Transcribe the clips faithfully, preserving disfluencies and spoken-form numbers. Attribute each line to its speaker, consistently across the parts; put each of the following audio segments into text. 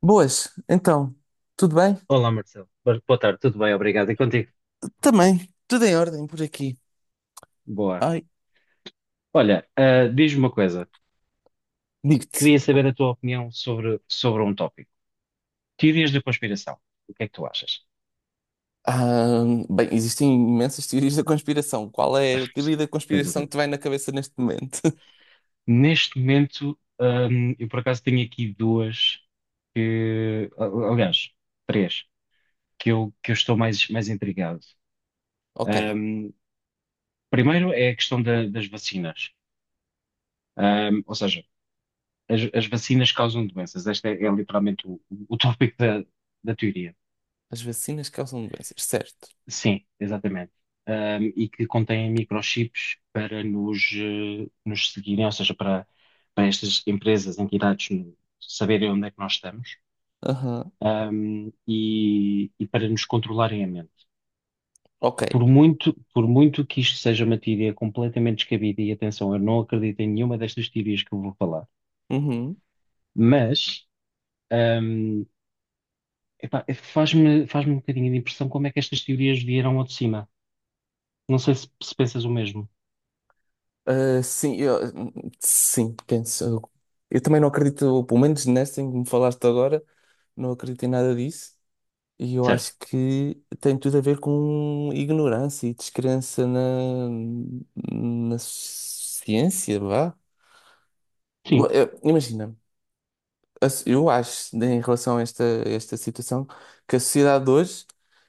Speaker 1: Boas, então, tudo bem?
Speaker 2: Olá, Marcelo. Bo- Boa tarde, tudo bem? Obrigado. E contigo?
Speaker 1: Também, tudo em ordem por aqui.
Speaker 2: Boa.
Speaker 1: Ai,
Speaker 2: Olha, ah, diz-me uma coisa.
Speaker 1: digo-te.
Speaker 2: Queria saber a tua opinião sobre, sobre um tópico. Teorias da conspiração. O que é que tu achas?
Speaker 1: ah, Bem, existem imensas teorias da conspiração. Qual é a teoria da
Speaker 2: Sem
Speaker 1: conspiração
Speaker 2: dúvida.
Speaker 1: que te vai na cabeça neste momento?
Speaker 2: Neste momento, ahm, eu por acaso tenho aqui duas que, a- aliás, três, que eu, que eu estou mais, mais intrigado.
Speaker 1: Ok,
Speaker 2: Ahm, primeiro é a questão da- das vacinas. Ahm, ou seja, as, as vacinas causam doenças. Este é, é literalmente o, o tópico da, da teoria.
Speaker 1: as vacinas causam doenças, certo.
Speaker 2: Sim, exatamente. Ahm, e que contém microchips para nos, eh, nos seguirem, ou seja, para, para estas empresas, entidades, no- saberem onde é que nós estamos,
Speaker 1: Aham,
Speaker 2: ahm, e, e para nos controlarem a mente.
Speaker 1: ok.
Speaker 2: Por muito, por muito que isto seja uma teoria completamente descabida, e atenção, eu não acredito em nenhuma destas teorias que eu vou falar,
Speaker 1: Uhum.
Speaker 2: mas, ahm, epá, é, faz-me, faz-me um bocadinho de impressão como é que estas teorias vieram ao de cima. Não sei se, se pensas o mesmo.
Speaker 1: Ah, sim, eu, sim, penso. Eu, eu também não acredito, pelo menos nessa em que me falaste agora, não acredito em nada disso. E eu
Speaker 2: Certo.
Speaker 1: acho que tem tudo a ver com ignorância e descrença na, na ciência, vá.
Speaker 2: Sim.
Speaker 1: Eu- Imagina, a so- eu acho, né, em relação a esta, a esta situação, que a sociedade de hoje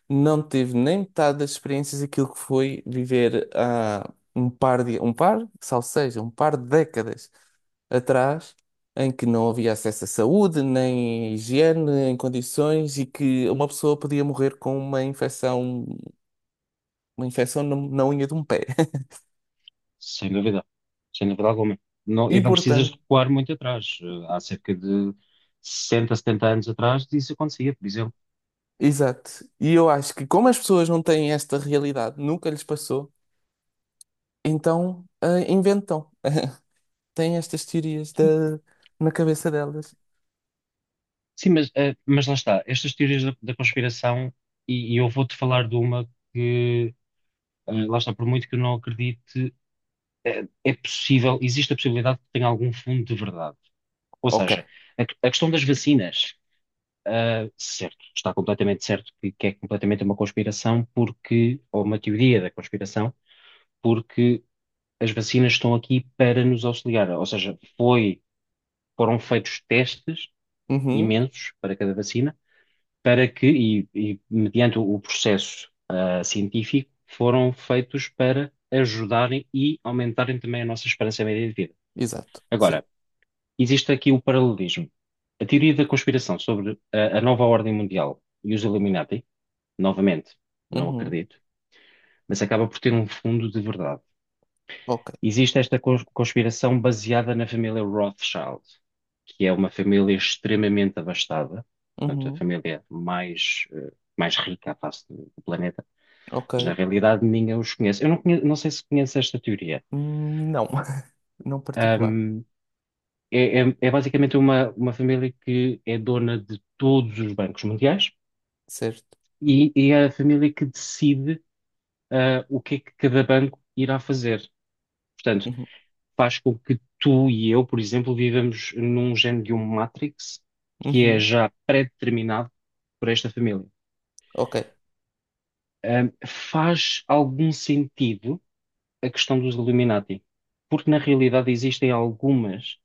Speaker 1: não teve nem metade das experiências daquilo que foi viver há um par de, um par, salvo seja, um par de décadas atrás, em que não havia acesso à saúde, nem higiene, em condições, e que uma pessoa podia morrer com uma infecção. Uma infecção na, na unha de um pé.
Speaker 2: Sem dúvida, sem dúvida alguma. Não,
Speaker 1: E
Speaker 2: e não precisas
Speaker 1: portanto,
Speaker 2: recuar muito atrás. Eh, Há cerca de sessenta, setenta anos atrás isso acontecia, por exemplo.
Speaker 1: exato. E eu acho que como as pessoas não têm esta realidade, nunca lhes passou, então ah, inventam. Têm estas teorias da,
Speaker 2: Sim,
Speaker 1: na cabeça delas.
Speaker 2: mas, eh, mas lá está. Estas teorias da, da conspiração, e, e eu vou-te falar de uma que, eh, lá está, por muito que eu não acredite, eh, é, possível, existe a possibilidade que tenha algum fundo de verdade. Ou
Speaker 1: Ok.
Speaker 2: seja, a, a questão das vacinas, eh, certo, está completamente certo que que é completamente uma conspiração, porque, ou uma teoria da conspiração porque as vacinas estão aqui para nos auxiliar. Ou seja, foi, foram feitos testes
Speaker 1: Uhum.
Speaker 2: imensos para cada vacina, para que, e, e mediante o processo, ah, científico, foram feitos para ajudarem e aumentarem também a nossa esperança média de vida.
Speaker 1: Exato. Sim.
Speaker 2: Agora, existe aqui o paralelismo. A teoria da conspiração sobre a, a nova ordem mundial e os Illuminati, novamente, não
Speaker 1: Uhum.
Speaker 2: acredito, mas acaba por ter um fundo de verdade.
Speaker 1: Ok.
Speaker 2: Existe esta cons- conspiração baseada na família Rothschild, que é uma família extremamente abastada, portanto, a
Speaker 1: Uhum.
Speaker 2: família mais, eh, mais rica à face do do planeta, mas na
Speaker 1: Ok.
Speaker 2: realidade ninguém os conhece. Eu não, conhe- não sei se conhece esta teoria.
Speaker 1: Hum, não. Não particular.
Speaker 2: Ahm, é, é- é basicamente uma, uma família que é dona de todos os bancos mundiais
Speaker 1: Certo.
Speaker 2: e, e é a família que decide, ah, o que é que cada banco irá fazer. Portanto,
Speaker 1: Uhum.
Speaker 2: faz com que tu e eu, por exemplo, vivamos num género de um Matrix que é
Speaker 1: Uhum.
Speaker 2: já pré-determinado por esta família.
Speaker 1: Ok.
Speaker 2: Ahm, faz algum sentido a questão dos Illuminati, porque na realidade existem algumas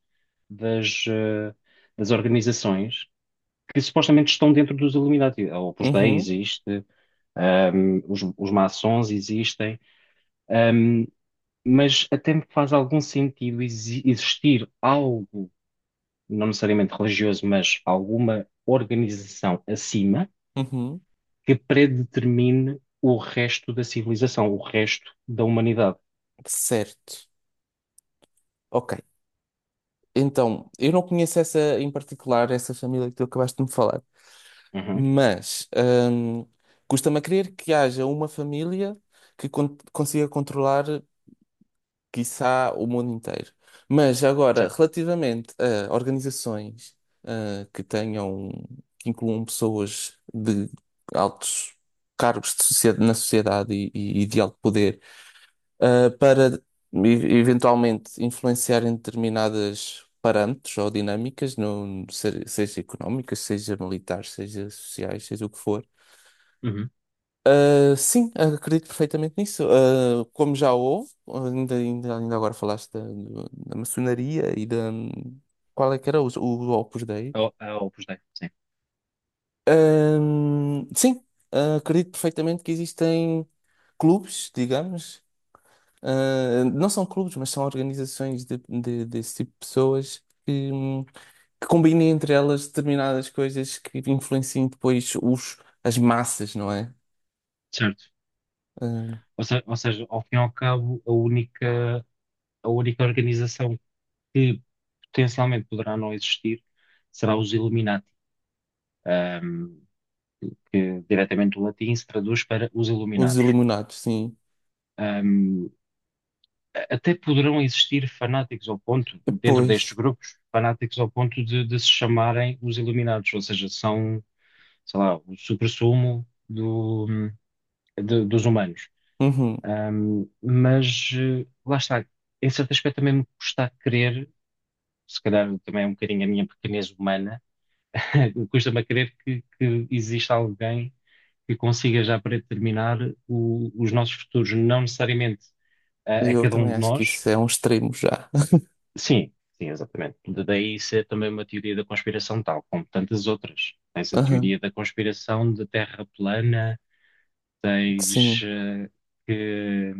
Speaker 2: das, eh, das organizações que supostamente estão dentro dos Illuminati. A Opus Dei
Speaker 1: Uhum.
Speaker 2: existe, ahm, os, os maçons existem, ahm, mas até me faz algum sentido exi- existir algo não necessariamente religioso, mas alguma organização acima
Speaker 1: Uhum.
Speaker 2: que predetermine o resto da civilização, o resto da humanidade.
Speaker 1: Certo. Ok. Então, eu não conheço essa em particular, essa família que tu acabaste de me falar.
Speaker 2: Uhum,
Speaker 1: Mas hum, custa-me a crer que haja uma família que con- consiga controlar, quiçá, o mundo inteiro. Mas agora,
Speaker 2: certo.
Speaker 1: relativamente a organizações ah, que tenham, que incluam pessoas de altos cargos de socie- na sociedade e, e- e de alto poder, ah, para e- eventualmente influenciarem determinadas parâmetros ou dinâmicas, no, se- seja económicas, seja militares, seja sociais, seja o que for.
Speaker 2: Uhum.
Speaker 1: Ah, sim, acredito perfeitamente nisso. Ah, como já houve, ainda, ainda, ainda agora falaste da, do- da maçonaria e da. Qual é que era o, o Opus Dei?
Speaker 2: A, a Opus Dei, sim.
Speaker 1: Ahm, sim, ah, acredito perfeitamente que existem clubes, digamos. Ah, não são clubes, mas são organizações de, de- desse tipo de pessoas que, hum, que combinem entre elas determinadas coisas que influenciem depois os, as massas, não é?
Speaker 2: Certo.
Speaker 1: Ah,
Speaker 2: Ou, se- ou seja, ao fim e ao cabo, a única, a única organização que potencialmente poderá não existir será os Illuminati, ahm, que diretamente do latim se traduz para os
Speaker 1: os
Speaker 2: iluminados.
Speaker 1: iluminados, sim.
Speaker 2: Até poderão existir fanáticos ao ponto, dentro
Speaker 1: Pois,
Speaker 2: destes grupos, fanáticos ao ponto de, de se chamarem os iluminados, ou seja, são, sei lá, o suprassumo do, de- dos humanos.
Speaker 1: uhum.
Speaker 2: Ahm, mas eh, lá está, em certo aspecto também me custa a crer, se calhar também é um bocadinho a minha pequenez humana, custa-me a crer que, que exista alguém que consiga já predeterminar o- os nossos futuros, não necessariamente a a
Speaker 1: Eu
Speaker 2: cada um
Speaker 1: também
Speaker 2: de
Speaker 1: acho que
Speaker 2: nós.
Speaker 1: isso é um extremo já.
Speaker 2: Sim, sim, exatamente. De- Daí ser também uma teoria da conspiração tal, como tantas outras. Tens a
Speaker 1: Aham,
Speaker 2: teoria da conspiração de Terra plana, tens
Speaker 1: sim,
Speaker 2: eh, que,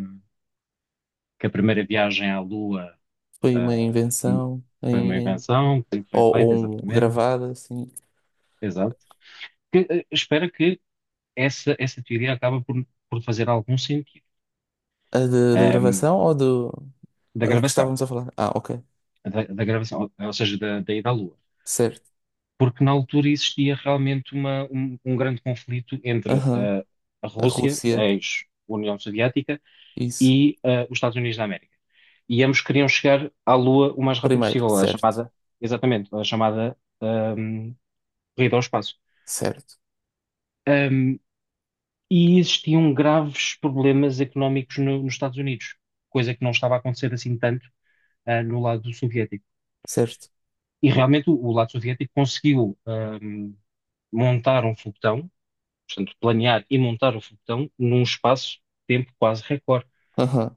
Speaker 2: que a primeira viagem à Lua
Speaker 1: foi uma
Speaker 2: ah,
Speaker 1: invenção
Speaker 2: foi uma
Speaker 1: em, em-
Speaker 2: invenção, que foi
Speaker 1: ou, ou
Speaker 2: feita,
Speaker 1: um
Speaker 2: exatamente.
Speaker 1: gravado, assim,
Speaker 2: Exato. Que, eh, espero que essa, essa teoria acabe por, por fazer algum sentido.
Speaker 1: a de- da
Speaker 2: Ahm,
Speaker 1: gravação ou do
Speaker 2: da
Speaker 1: a que
Speaker 2: gravação,
Speaker 1: estávamos a falar? Ah, ok,
Speaker 2: da, da gravação, ou ou seja, da, da ida à Lua.
Speaker 1: certo.
Speaker 2: Porque na altura existia realmente uma- um, um grande conflito entre
Speaker 1: Aham,
Speaker 2: ah, a
Speaker 1: a
Speaker 2: Rússia, a
Speaker 1: Rússia,
Speaker 2: ex-União Soviética,
Speaker 1: isso.
Speaker 2: e ah, os Estados Unidos da América. E ambos queriam chegar à Lua o mais rápido
Speaker 1: Primeiro,
Speaker 2: possível, a
Speaker 1: certo,
Speaker 2: chamada, exatamente, a chamada ahm, corrida ao espaço.
Speaker 1: certo,
Speaker 2: Ahm, e existiam graves problemas económicos no- nos Estados Unidos, coisa que não estava a acontecer assim tanto ah, no lado soviético.
Speaker 1: certo.
Speaker 2: E realmente o, o lado soviético conseguiu, ahm, montar um foguetão. Portanto, planear e montar o foguetão num espaço de tempo quase recorde.
Speaker 1: Aham,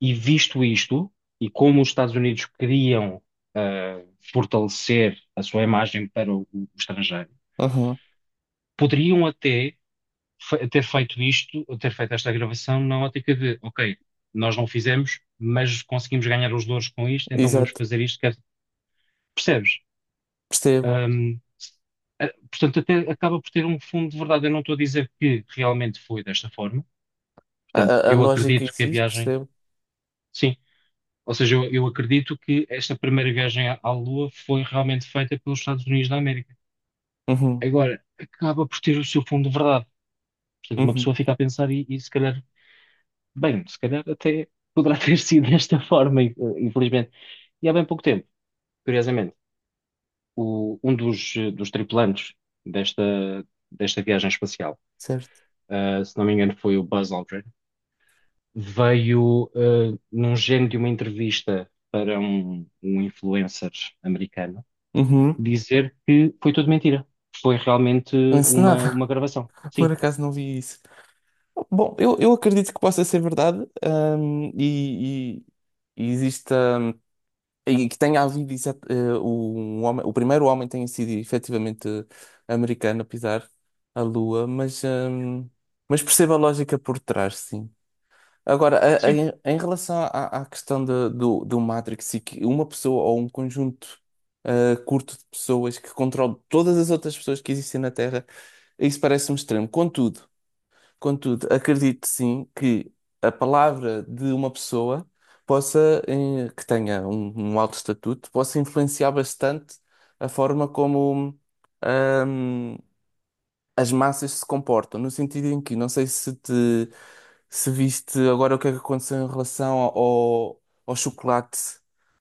Speaker 2: E visto isto, e como os Estados Unidos queriam ah, fortalecer a sua imagem para o, o estrangeiro,
Speaker 1: aham,
Speaker 2: poderiam até fe- ter feito isto, ou ter feito esta gravação na ótica de, ok, nós não fizemos, mas conseguimos ganhar os louros com isto, então vamos
Speaker 1: Exato,
Speaker 2: fazer isto. quer- Percebes?
Speaker 1: percebo.
Speaker 2: Ahm, eh, Portanto, até acaba por ter um fundo de verdade. Eu não estou a dizer que realmente foi desta forma.
Speaker 1: A,
Speaker 2: Portanto,
Speaker 1: a- a
Speaker 2: eu
Speaker 1: lógica
Speaker 2: acredito que a
Speaker 1: existe,
Speaker 2: viagem,
Speaker 1: percebo.
Speaker 2: sim, ou seja, eu, eu acredito que esta primeira viagem à, à Lua foi realmente feita pelos Estados Unidos da América.
Speaker 1: Uhum,
Speaker 2: Agora, acaba por ter o seu fundo de verdade. Portanto, uma
Speaker 1: uhum,
Speaker 2: pessoa fica a pensar e, e se calhar, bem, se calhar até poderá ter sido desta forma, eh, infelizmente. E há bem pouco tempo, curiosamente, o- um dos, eh, dos tripulantes desta, desta viagem espacial,
Speaker 1: certo.
Speaker 2: eh, se não me engano, foi o Buzz Aldrin. Veio, eh, num género de uma entrevista para um, um influencer americano,
Speaker 1: Uhum.
Speaker 2: dizer que foi tudo mentira. Foi realmente uma,
Speaker 1: Encenada,
Speaker 2: uma gravação.
Speaker 1: por
Speaker 2: Sim,
Speaker 1: acaso não vi isso. Bom, eu, eu acredito que possa ser verdade, hum, e, e- e exista hum, e que tenha havido exat- eh, um homem, o primeiro homem tenha sido efetivamente americano a pisar a Lua, mas, hum, mas percebo a lógica por trás, sim. Agora, a- a-
Speaker 2: sim.
Speaker 1: em em relação à, à questão de- do, do Matrix e que uma pessoa ou um conjunto eh, curto de pessoas que controla todas as outras pessoas que existem na Terra, isso parece-me extremo. Contudo. Contudo, acredito sim que a palavra de uma pessoa possa, eh, que tenha um, um alto estatuto, possa influenciar bastante a forma como, hum, as massas se comportam, no sentido em que, não sei se te se viste agora o que é que aconteceu em relação ao, ao chocolate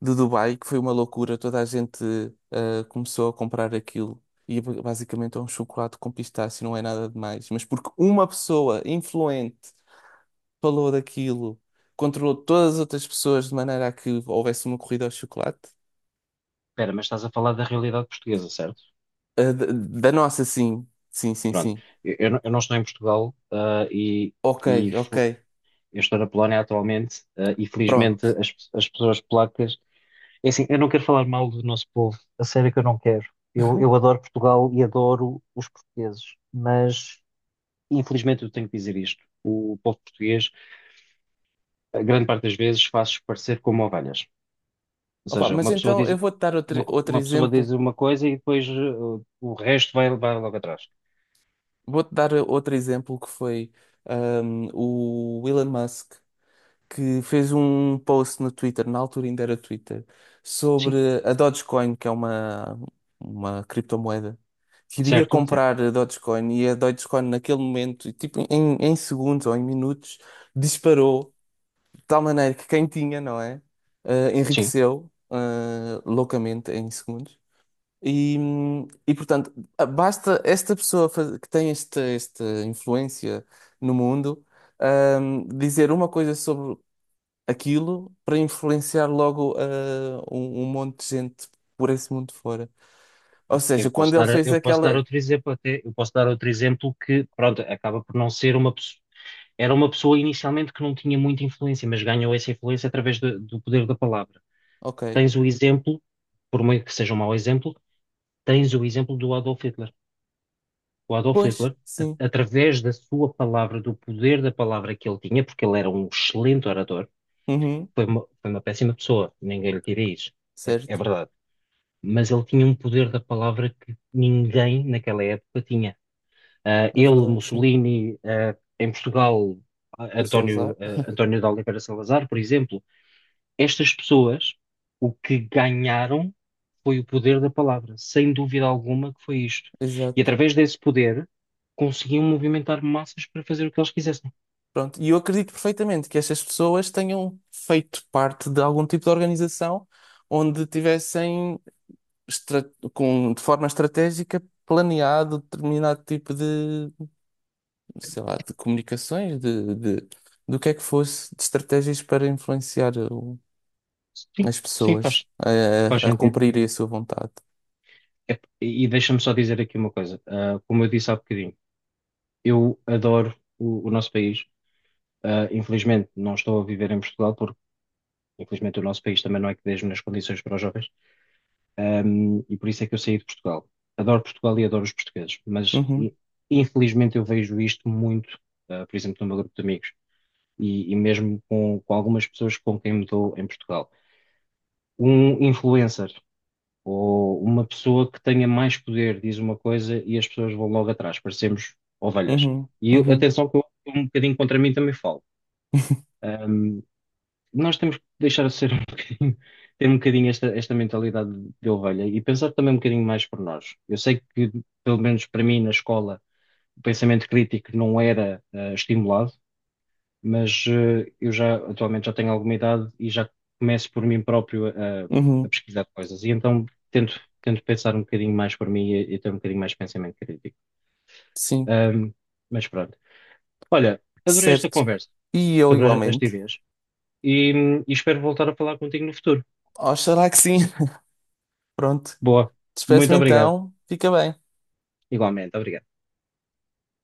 Speaker 1: de Dubai, que foi uma loucura, toda a gente ah, começou a comprar aquilo. E é basicamente é um chocolate com pistache, não é nada demais. Mas porque uma pessoa influente falou daquilo, controlou todas as outras pessoas de maneira a que houvesse uma corrida ao chocolate.
Speaker 2: Espera, mas estás a falar da realidade portuguesa, certo?
Speaker 1: Ah, da da nossa, sim. Sim, sim,
Speaker 2: Pronto.
Speaker 1: sim.
Speaker 2: Eu, eu não eu não estou em Portugal, ah, e,
Speaker 1: Ok,
Speaker 2: e
Speaker 1: ok.
Speaker 2: fu- eu estou na Polónia atualmente, ah, e felizmente
Speaker 1: Pronto.
Speaker 2: as, pe- as pessoas polacas. É assim, eu não quero falar mal do nosso povo, a sério que eu não quero. Eu, eu adoro Portugal e adoro os portugueses, mas infelizmente eu tenho que dizer isto. O povo português, a grande parte das vezes, faz parecer como ovelhas. Ou
Speaker 1: Opa,
Speaker 2: seja,
Speaker 1: mas
Speaker 2: uma pessoa
Speaker 1: então eu
Speaker 2: diz
Speaker 1: vou-te dar
Speaker 2: uma,
Speaker 1: outro,
Speaker 2: co-
Speaker 1: outro
Speaker 2: uma pessoa diz
Speaker 1: exemplo.
Speaker 2: uma coisa e depois uh, o resto vai, vai logo atrás.
Speaker 1: Vou-te dar outro exemplo que foi ahm, o Elon Musk, que fez um post no Twitter, na altura ainda era Twitter, sobre
Speaker 2: Sim,
Speaker 1: a Dogecoin, que é uma, uma criptomoeda. Queria
Speaker 2: certo, certo.
Speaker 1: comprar a Dogecoin e a Dogecoin naquele momento, tipo em, em segundos ou em minutos, disparou de tal maneira que quem tinha, não é? Ah,
Speaker 2: Sim,
Speaker 1: enriqueceu ah, loucamente em segundos. E, hum, e portanto, basta esta pessoa faz- que tem esta, esta influência no mundo, hum, dizer uma coisa sobre aquilo para influenciar logo ah, um, um monte de gente por esse mundo fora. Ou seja,
Speaker 2: eu posso
Speaker 1: quando ele
Speaker 2: dar,
Speaker 1: fez
Speaker 2: eu posso dar
Speaker 1: aquela.
Speaker 2: outro exemplo até, eu posso dar outro exemplo que, pronto, acaba por não ser uma pessoa, era uma pessoa inicialmente que não tinha muita influência, mas ganhou essa influência através do do poder da palavra.
Speaker 1: Ok.
Speaker 2: Tens o exemplo, por meio que seja um mau exemplo, tens o exemplo do Adolf Hitler. O Adolf
Speaker 1: Pois,
Speaker 2: Hitler, a-
Speaker 1: sim.
Speaker 2: através da sua palavra, do poder da palavra que ele tinha, porque ele era um excelente orador,
Speaker 1: Uhum,
Speaker 2: foi uma, foi uma péssima pessoa, ninguém lhe tira isso, é, é
Speaker 1: certo.
Speaker 2: verdade. Mas ele tinha um poder da palavra que ninguém naquela época tinha. Ah,
Speaker 1: É
Speaker 2: ele,
Speaker 1: verdade, sim.
Speaker 2: Mussolini, ah, em Portugal, ah,
Speaker 1: O
Speaker 2: António,
Speaker 1: Salazar.
Speaker 2: ah, António de Oliveira Salazar, por exemplo, estas pessoas, o que ganharam foi o poder da palavra, sem dúvida alguma que foi isto. E
Speaker 1: Exato.
Speaker 2: através desse poder, conseguiam movimentar massas para fazer o que eles quisessem.
Speaker 1: Pronto. E eu acredito perfeitamente que estas pessoas tenham feito parte de algum tipo de organização onde tivessem estra- com, de forma estratégica, planeado determinado tipo de, sei lá, de comunicações, de, de, do que é que fosse, de estratégias para influenciar o-
Speaker 2: Sim,
Speaker 1: as
Speaker 2: sim, faz,
Speaker 1: pessoas
Speaker 2: faz
Speaker 1: a, a, a
Speaker 2: sentido.
Speaker 1: cumprirem a sua vontade.
Speaker 2: É, e deixa-me só dizer aqui uma coisa. Ah, como eu disse há bocadinho, eu adoro o, o nosso país. Ah, infelizmente, não estou a viver em Portugal, porque infelizmente o nosso país também não é que dê as melhores condições para os jovens. Um, e por isso é que eu saí de Portugal. Adoro Portugal e adoro os portugueses, mas
Speaker 1: Uhum,
Speaker 2: i- infelizmente eu vejo isto muito, uh, por exemplo, no meu grupo de amigos e, e mesmo com, com algumas pessoas com quem me dou em Portugal. Um influencer ou uma pessoa que tenha mais poder diz uma coisa e as pessoas vão logo atrás, parecemos ovelhas.
Speaker 1: uhum,
Speaker 2: E eu-
Speaker 1: uhum,
Speaker 2: atenção que eu, um bocadinho contra mim também falo, nós temos que deixar de ser um bocadinho, ter um bocadinho esta, esta mentalidade de ovelha e pensar também um bocadinho mais por nós. Eu sei que, pelo menos para mim, na escola, o pensamento crítico não era ah, estimulado, mas eh, eu já atualmente já tenho alguma idade e já começo por mim próprio a, a
Speaker 1: uhum,
Speaker 2: pesquisar coisas. E então tento, tento pensar um bocadinho mais por mim e, e ter um bocadinho mais de pensamento crítico.
Speaker 1: sim,
Speaker 2: Ahm, mas pronto. Olha, adorei esta
Speaker 1: certo.
Speaker 2: conversa
Speaker 1: E eu
Speaker 2: sobre a- as
Speaker 1: igualmente.
Speaker 2: teorias e, e espero voltar a falar contigo no futuro.
Speaker 1: Oxalá que sim. Pronto,
Speaker 2: Boa. Muito
Speaker 1: despeço-me
Speaker 2: obrigado.
Speaker 1: então, fica bem.
Speaker 2: Igualmente, obrigado.